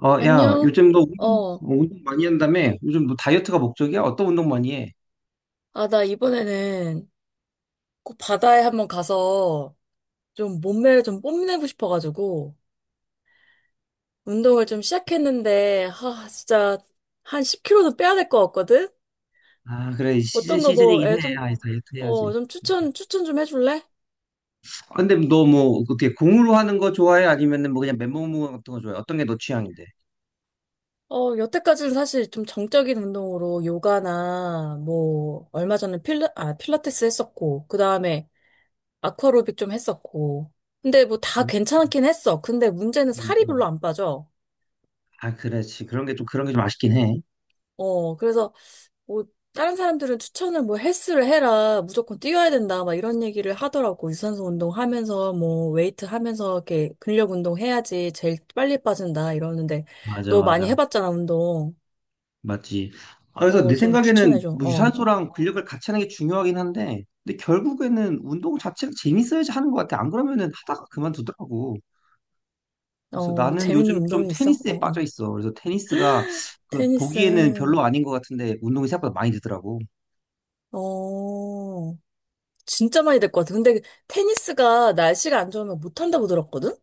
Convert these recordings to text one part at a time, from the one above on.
어, 야, 안녕? 요즘 너 운동, 어, 운동 많이 한다며? 요즘 너 다이어트가 목적이야? 어떤 운동 많이 해? 나 이번에는 꼭 바다에 한번 가서 좀 몸매를 좀 뽐내고 싶어가지고 운동을 좀 시작했는데, 진짜 한 10kg는 빼야 될 것 같거든? 아, 그래. 시즌, 어떤 거 뭐, 시즌이긴 해. 좀, 아, 다이어트 해야지. 좀 추천 좀 해줄래? 아, 근데 너 뭐, 어떻게 공으로 하는 거 좋아해? 아니면은 뭐 그냥 맨몸 같은 거 좋아해? 어떤 게 너 취향인데? 여태까지는 사실 좀 정적인 운동으로 요가나 뭐, 얼마 전에 필라테스 했었고, 그 다음에 아쿠아로빅 좀 했었고. 근데 뭐 다 음, 괜찮긴 했어. 근데 문제는 음, 살이 음. 별로 안 빠져. 아, 그렇지. 그런 게 좀, 그런 게 좀 아쉽긴 해. 그래서 뭐 다른 사람들은 추천을 뭐 헬스를 해라 무조건 뛰어야 된다 막 이런 얘기를 하더라고. 유산소 운동하면서 뭐 웨이트 하면서 이렇게 근력 운동 해야지 제일 빨리 빠진다 이러는데. 맞아, 너 많이 맞아. 해봤잖아 운동. 맞지. 아, 그래서 어, 내 좀 생각에는 추천해줘. 뭐 유산소랑 근력을 같이 하는 게 중요하긴 한데, 근데 결국에는 운동 자체가 재밌어야지 하는 것 같아. 안 그러면은 하다가 그만두더라고. 그래서 어어, 나는 재밌는 요즘 좀 운동이 있어? 테니스에 빠져 어어, 있어. 그래서 테니스가 그 테니스. 보기에는 별로 아닌 것 같은데 운동이 생각보다 많이 되더라고. 어, 진짜 많이 될 것 같아. 근데 테니스가 날씨가 안 좋으면 못한다고 들었거든.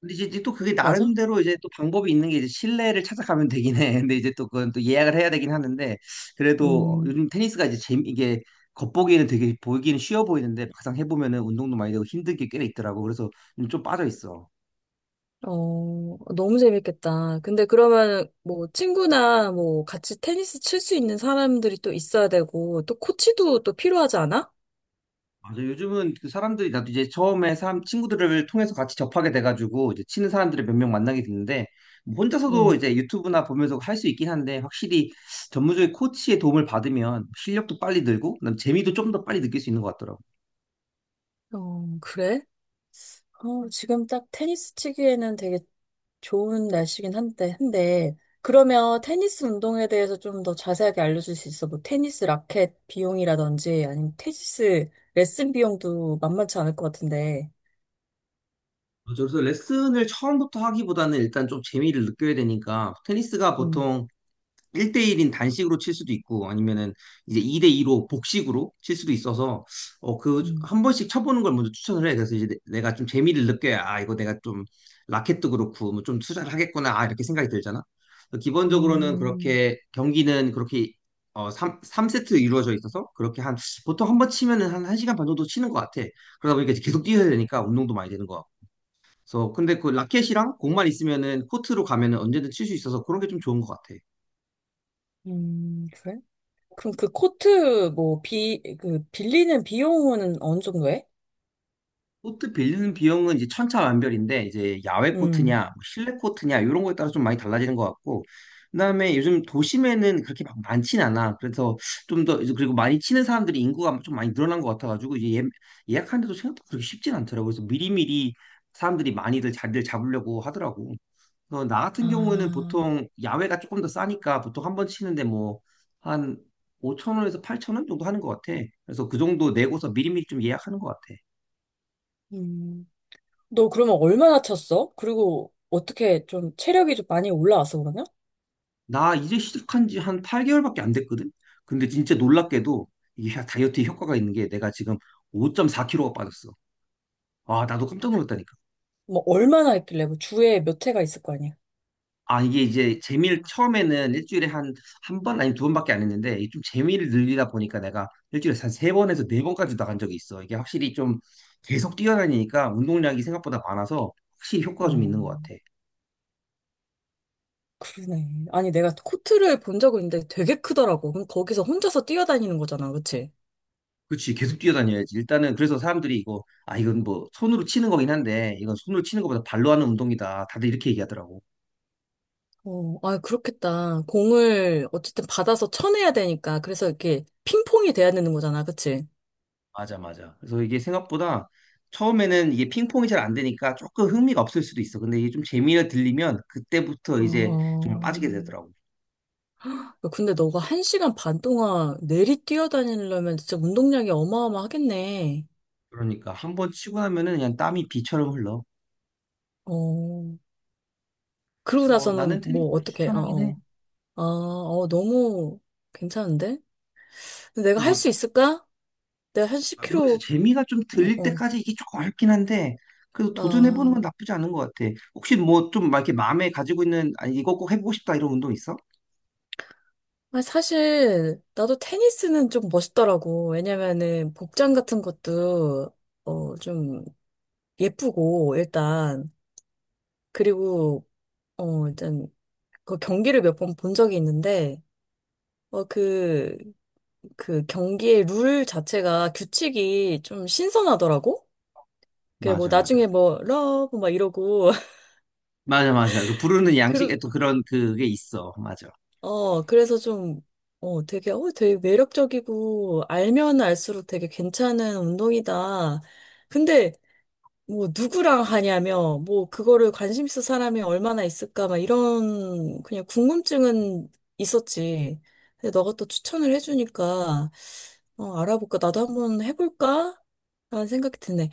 근데 이제 또 그게 맞아? 나름대로 이제 또 방법이 있는 게 이제 실내를 찾아가면 되긴 해. 근데 이제 또 그건 또 예약을 해야 되긴 하는데 그래도 음. 요즘 테니스가 이제 재미 이게 겉보기에는 되게 보기에는 쉬워 보이는데 막상 해보면은 운동도 많이 되고 힘든 게 꽤 있더라고. 그래서 요즘 좀 빠져 있어. 어, 너무 재밌겠다. 근데 그러면 뭐 친구나 뭐 같이 테니스 칠 수 있는 사람들이 또 있어야 되고 또 코치도 또 필요하지 않아? 맞아. 요즘은 그 사람들이 나도 이제 처음에 사람 친구들을 통해서 같이 접하게 돼가지고 이제 치는 사람들을 몇 명 만나게 됐는데 뭐 혼자서도 응. 이제 유튜브나 보면서 할 수 있긴 한데 확실히 전문적인 코치의 도움을 받으면 실력도 빨리 늘고 그다음 재미도 좀 더 빨리 느낄 수 있는 것 같더라고. 어, 그래? 어, 지금 딱 테니스 치기에는 되게 좋은 날씨긴 한데. 그러면 테니스 운동에 대해서 좀 더 자세하게 알려줄 수 있어? 뭐 테니스 라켓 비용이라든지 아니면 테니스 레슨 비용도 만만치 않을 것 같은데. 맞아. 그래서 레슨을 처음부터 하기보다는 일단 좀 재미를 느껴야 되니까 테니스가 음, 보통 1대1인 단식으로 칠 수도 있고 아니면은 이제 2대2로 복식으로 칠 수도 있어서 어 그 음, 한 번씩 쳐보는 걸 먼저 추천을 해. 그래서 이제 내가 좀 재미를 느껴야 아 이거 내가 좀 라켓도 그렇고 뭐 좀 투자를 하겠구나 아 이렇게 생각이 들잖아. 그래서 기본적으로는 음, 그렇게 경기는 그렇게 삼세트 이루어져 있어서 그렇게 한 보통 한 번 치면은 한 1시간 반 정도 치는 것 같아. 그러다 보니까 이제 계속 뛰어야 되니까 운동도 많이 되는 것 같고. 그래서 근데 그 라켓이랑 공만 있으면은 코트로 가면은 언제든 칠 수 있어서 그런 게 좀 좋은 것 같아. 그래? 그럼 그 코트 뭐 그 빌리는 비용은 어느 정도 해? 코트 빌리는 비용은 이제 천차만별인데 이제 야외 코트냐 음. 뭐 실내 코트냐 이런 거에 따라 좀 많이 달라지는 것 같고 그다음에 요즘 도심에는 그렇게 막 많진 않아. 그래서 좀 더, 그리고 많이 치는 사람들이 인구가 좀 많이 늘어난 것 같아가지고 이제 예, 약하는데도 생각보다 그렇게 쉽진 않더라고. 그래서 미리미리 사람들이 많이들 자리를 잡으려고 하더라고. 그래서 나 같은 경우에는 아, 보통 야외가 조금 더 싸니까 보통 한 번 치는데 뭐한 5천 원에서 8천 원 정도 하는 것 같아. 그래서 그 정도 내고서 미리미리 좀 예약하는 것 같아. 음. 너 그러면 얼마나 쳤어? 그리고 어떻게 좀 체력이 좀 많이 올라왔어 그러냐? 나 이제 시작한 지 한 8개월밖에 안 됐거든? 근데 진짜 놀랍게도 이 다이어트에 효과가 있는 게 내가 지금 5.4kg가 빠졌어. 아, 나도 깜짝 놀랐다니까. 뭐 얼마나 했길래 뭐 주에 몇 회가 있을 거 아니야? 아, 이게 이제 재미를 처음에는 일주일에 한 번, 아니 두 번밖에 안 했는데 이좀 재미를 늘리다 보니까 내가 일주일에 한 세 번에서 네 번까지 나간 적이 있어. 이게 확실히 좀 계속 뛰어다니니까 운동량이 생각보다 많아서 확실히 효과가 좀 어, 있는 것 같아. 그러네. 아니 내가 코트를 본 적은 있는데 되게 크더라고. 그럼 거기서 혼자서 뛰어다니는 거잖아, 그치? 그치, 계속 뛰어다녀야지. 일단은 그래서 사람들이 이거, 아, 이건 뭐 손으로 치는 거긴 한데, 이건 손으로 치는 것보다 발로 하는 운동이다. 다들 이렇게 얘기하더라고. 어, 아, 그렇겠다. 공을 어쨌든 받아서 쳐내야 되니까. 그래서 이렇게 핑퐁이 돼야 되는 거잖아, 그치? 맞아, 맞아. 그래서 이게 생각보다 처음에는 이게 핑퐁이 잘 안 되니까 조금 흥미가 없을 수도 있어. 근데 이게 좀 재미가 들리면 그때부터 이제 정말 빠지게 어. 되더라고. 근데 너가 한 시간 반 동안 내리 뛰어다니려면 진짜 운동량이 어마어마하겠네. 그러니까 한번 치고 나면은 그냥 땀이 비처럼 흘러. 어, 그러고 그래서 나는 나서는 테니스 뭐, 를 어떻게, 어, 추천하긴 해. 어. 아, 어, 너무 괜찮은데? 근데 내가 할 뭐 수 있을까? 내가 한 아, 모르겠어요. 10kg, 재미가 좀 들릴 어, 때까지 이게 조금 어렵긴 한데, 그래도 도전해보는 건 아. 나쁘지 않은 것 같아. 혹시 뭐 좀 막 이렇게 마음에 가지고 있는, 아니, 이거 꼭 해보고 싶다 이런 운동 있어? 아니, 사실, 나도 테니스는 좀 멋있더라고. 왜냐면은, 복장 같은 것도, 어, 좀 예쁘고, 일단. 그리고, 어, 일단, 그 경기를 몇 번 본 적이 있는데, 어, 그, 그 경기의 룰 자체가 규칙이 좀 신선하더라고? 그 뭐 맞아, 맞아. 나중에 뭐 러브 막 이러고 맞아, 맞아. 그 부르는 양식에 또 그, 그런 그게 있어. 맞아. 어, 그래서 좀, 어, 되게, 어, 되게 매력적이고 알면 알수록 되게 괜찮은 운동이다. 근데 뭐 누구랑 하냐며 뭐 그거를 관심 있을 사람이 얼마나 있을까 막 이런 그냥 궁금증은 있었지. 근데 너가 또 추천을 해주니까 어, 알아볼까? 나도 한번 해볼까? 라는 생각이 드네.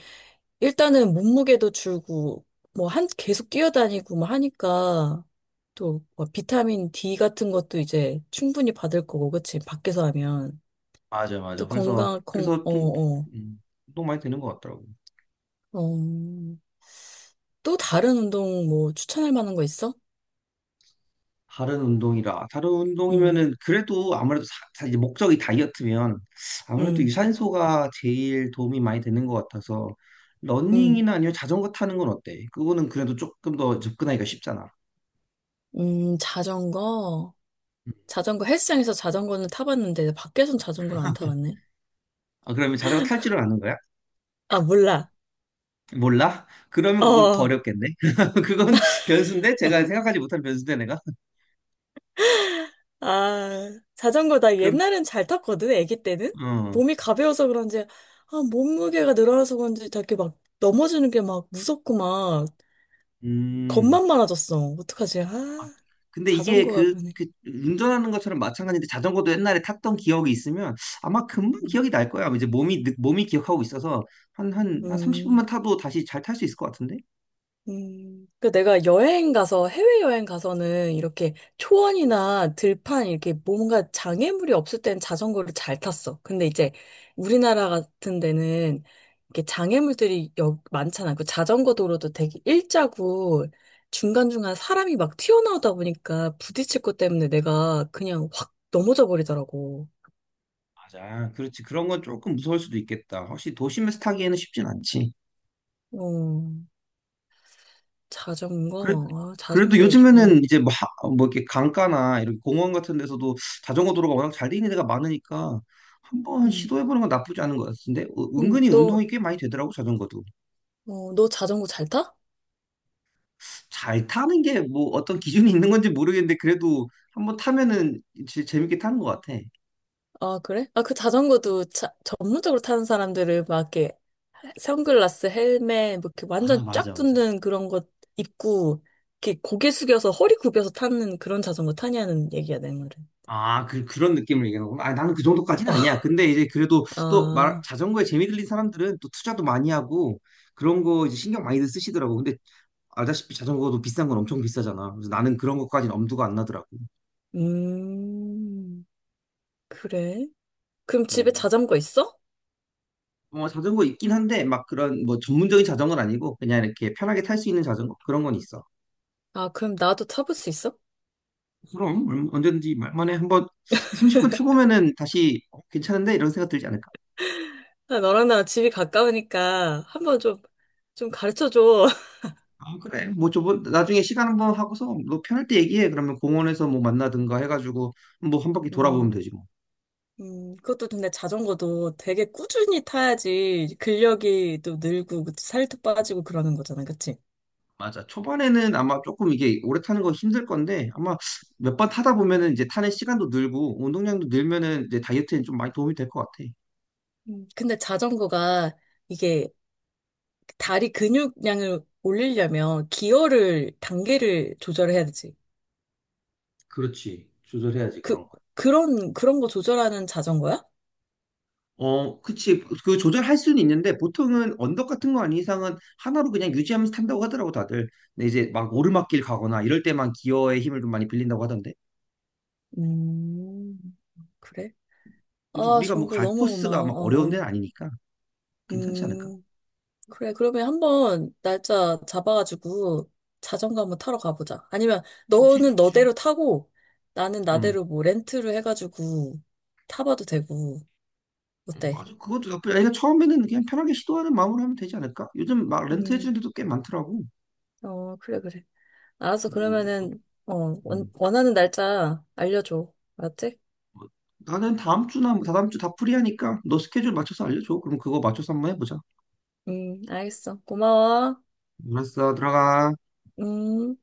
일단은 몸무게도 줄고, 뭐, 한, 계속 뛰어다니고, 뭐, 하니까, 또, 뭐 비타민 D 같은 것도 이제 충분히 받을 거고, 그치? 밖에서 하면. 맞아, 또 맞아. 그래서, 건강, 건, 그래서 어, 좀, 어, 음, 운동 많이 되는 것 같더라고. 어. 또 다른 운동 뭐, 추천할 만한 거 있어? 다른 운동이라 다른 음, 운동이면은 그래도 아무래도 이제 목적이 다이어트면 아무래도 음, 유산소가 제일 도움이 많이 되는 것 같아서 음, 러닝이나 아니면 자전거 타는 건 어때? 그거는 그래도 조금 더 접근하기가 쉽잖아. 자전거. 자전거, 헬스장에서 자전거는 타봤는데, 밖에선 자전거를 안 타봤네. 아, 그러면 자전거 탈 줄은 아는 거야? 아, 몰라. 몰라? 그러면 그건 더 어. 어렵겠네. 그건 변수인데 제가 생각하지 못한 변수인데 내가 아, 자전거 나 그럼 옛날엔 잘 탔거든, 아기 때는. 어 몸이 가벼워서 그런지, 아, 몸무게가 늘어나서 그런지 다 이렇게 막 넘어지는 게 막 무섭고 막 음. 겁만 많아졌어. 어떡하지? 아, 아, 근데 이게 자전거가 그러네. 그 운전하는 것처럼 마찬가지인데 자전거도 옛날에 탔던 기억이 있으면 아마 금방 기억이 날 거야. 이제 몸이 몸이 기억하고 있어서 한 30분만 음. 타도 다시 잘 탈 수 있을 것 같은데? 그 내가 여행 가서, 해외여행 가서는 이렇게 초원이나 들판, 이렇게 뭔가 장애물이 없을 땐 자전거를 잘 탔어. 근데 이제 우리나라 같은 데는 이렇게 장애물들이 많잖아. 그 자전거 도로도 되게 일자고 중간중간 사람이 막 튀어나오다 보니까 부딪힐 것 때문에 내가 그냥 확 넘어져 버리더라고. 맞아. 그렇지. 그런 건 조금 무서울 수도 있겠다. 확실히 도심에서 타기에는 쉽진 않지. 어, 그래, 자전거? 아, 그래도 자전거도 요즘에는 좋은. 이제 뭐, 뭐 이렇게 강가나 이렇게 공원 같은 데서도 자전거 도로가 워낙 잘 돼 있는 데가 많으니까 한번 음, 시도해보는 건 나쁘지 않은 것 같은데 어, 음, 은근히 너, 운동이 꽤 많이 되더라고 자전거도. 너 자전거 잘 타? 잘 타는 게 뭐 어떤 기준이 있는 건지 모르겠는데 그래도 한번 타면은 진짜 재밌게 타는 것 같아. 아, 그래? 아, 그 자전거도 자 전문적으로 타는 사람들은 막 이렇게 선글라스, 헬멧, 뭐 이렇게 아, 완전 맞아, 쫙 맞아. 붙는 그런 것 입고, 이렇게 고개 숙여서 허리 굽혀서 타는 그런 자전거 타냐는 얘기야, 내 말은. 아, 그런 느낌을 얘기하는 구나 아, 나는 그 정도까지는 아니야. 근데 이제 그래도 또 말, 아, 자전거에 재미 들린 사람들은 또 투자도 많이 하고 그런 거 이제 신경 많이들 쓰시더라고. 근데 알다시피 자전거도 비싼 건 엄청 비싸잖아. 그래서 나는 그런 것까지는 엄두가 안 나더라고. 음, 그래? 그럼 집에 음. 자전거 있어? 뭐 자전거 있긴 한데 막 그런 뭐 전문적인 자전거는 아니고 그냥 이렇게 편하게 탈 수 있는 자전거 그런 건 있어. 아, 그럼 나도 타볼 수 있어? 그럼 언제든지 말만에 한번 30분 펴보면은 다시 어, 괜찮은데 이런 생각 들지 않을까? 아, 너랑 나랑 집이 가까우니까 한번 좀, 좀 가르쳐줘. 아 그래 뭐 저번 나중에 시간 한번 하고서 너 편할 때 얘기해. 그러면 공원에서 뭐 만나든가 해가지고 뭐 한 바퀴 돌아보면 음. 되지 뭐. 그것도 근데 자전거도 되게 꾸준히 타야지 근력이 또 늘고 그 살도 빠지고 그러는 거잖아, 그치? 맞아. 초반에는 아마 조금 이게 오래 타는 거 힘들 건데 아마 몇 번 타다 보면은 이제 타는 시간도 늘고 운동량도 늘면은 이제 다이어트에 좀 많이 도움이 될 것 같아. 근데 자전거가 이게 다리 근육량을 올리려면 기어를, 단계를 조절해야 되지. 그렇지, 조절해야지. 그, 그럼 그런 거 조절하는 자전거야? 어, 그치. 그 조절할 수는 있는데 보통은 언덕 같은 거 아닌 이상은 하나로 그냥 유지하면서 탄다고 하더라고 다들. 근데 이제 막 오르막길 가거나 이럴 때만 기어의 힘을 좀 많이 빌린다고 하던데. 음, 그래? 근데 아, 우리가 뭐 정보 갈 너무 코스가 고마워. 막 어려운 어, 어. 데는 아니니까 괜찮지 않을까? 음. 그래, 그러면 한번 날짜 잡아가지고 자전거 한번 타러 가보자. 아니면 좋지, 너는 좋지. 너대로 타고 나는 음. 나대로 뭐 렌트를 해가지고 타봐도 되고, 응, 어때? 맞아. 그것도 나쁘지. 아니, 그 처음에는 그냥 편하게 시도하는 마음으로 하면 되지 않을까? 요즘 막 렌트 해주는 음, 데도 꽤 많더라고. 어, 그래, 그래. 알았어. 뭐, 그러면은, 어, 음. 원하는 날짜 알려줘. 알았지? 뭐, 나는 다음 주나 뭐 다다음 주 다 프리하니까 너 스케줄 맞춰서 알려줘. 그럼 그거 맞춰서 한번 해보자. 알겠어. 고마워. 알았어, 들어가. 음.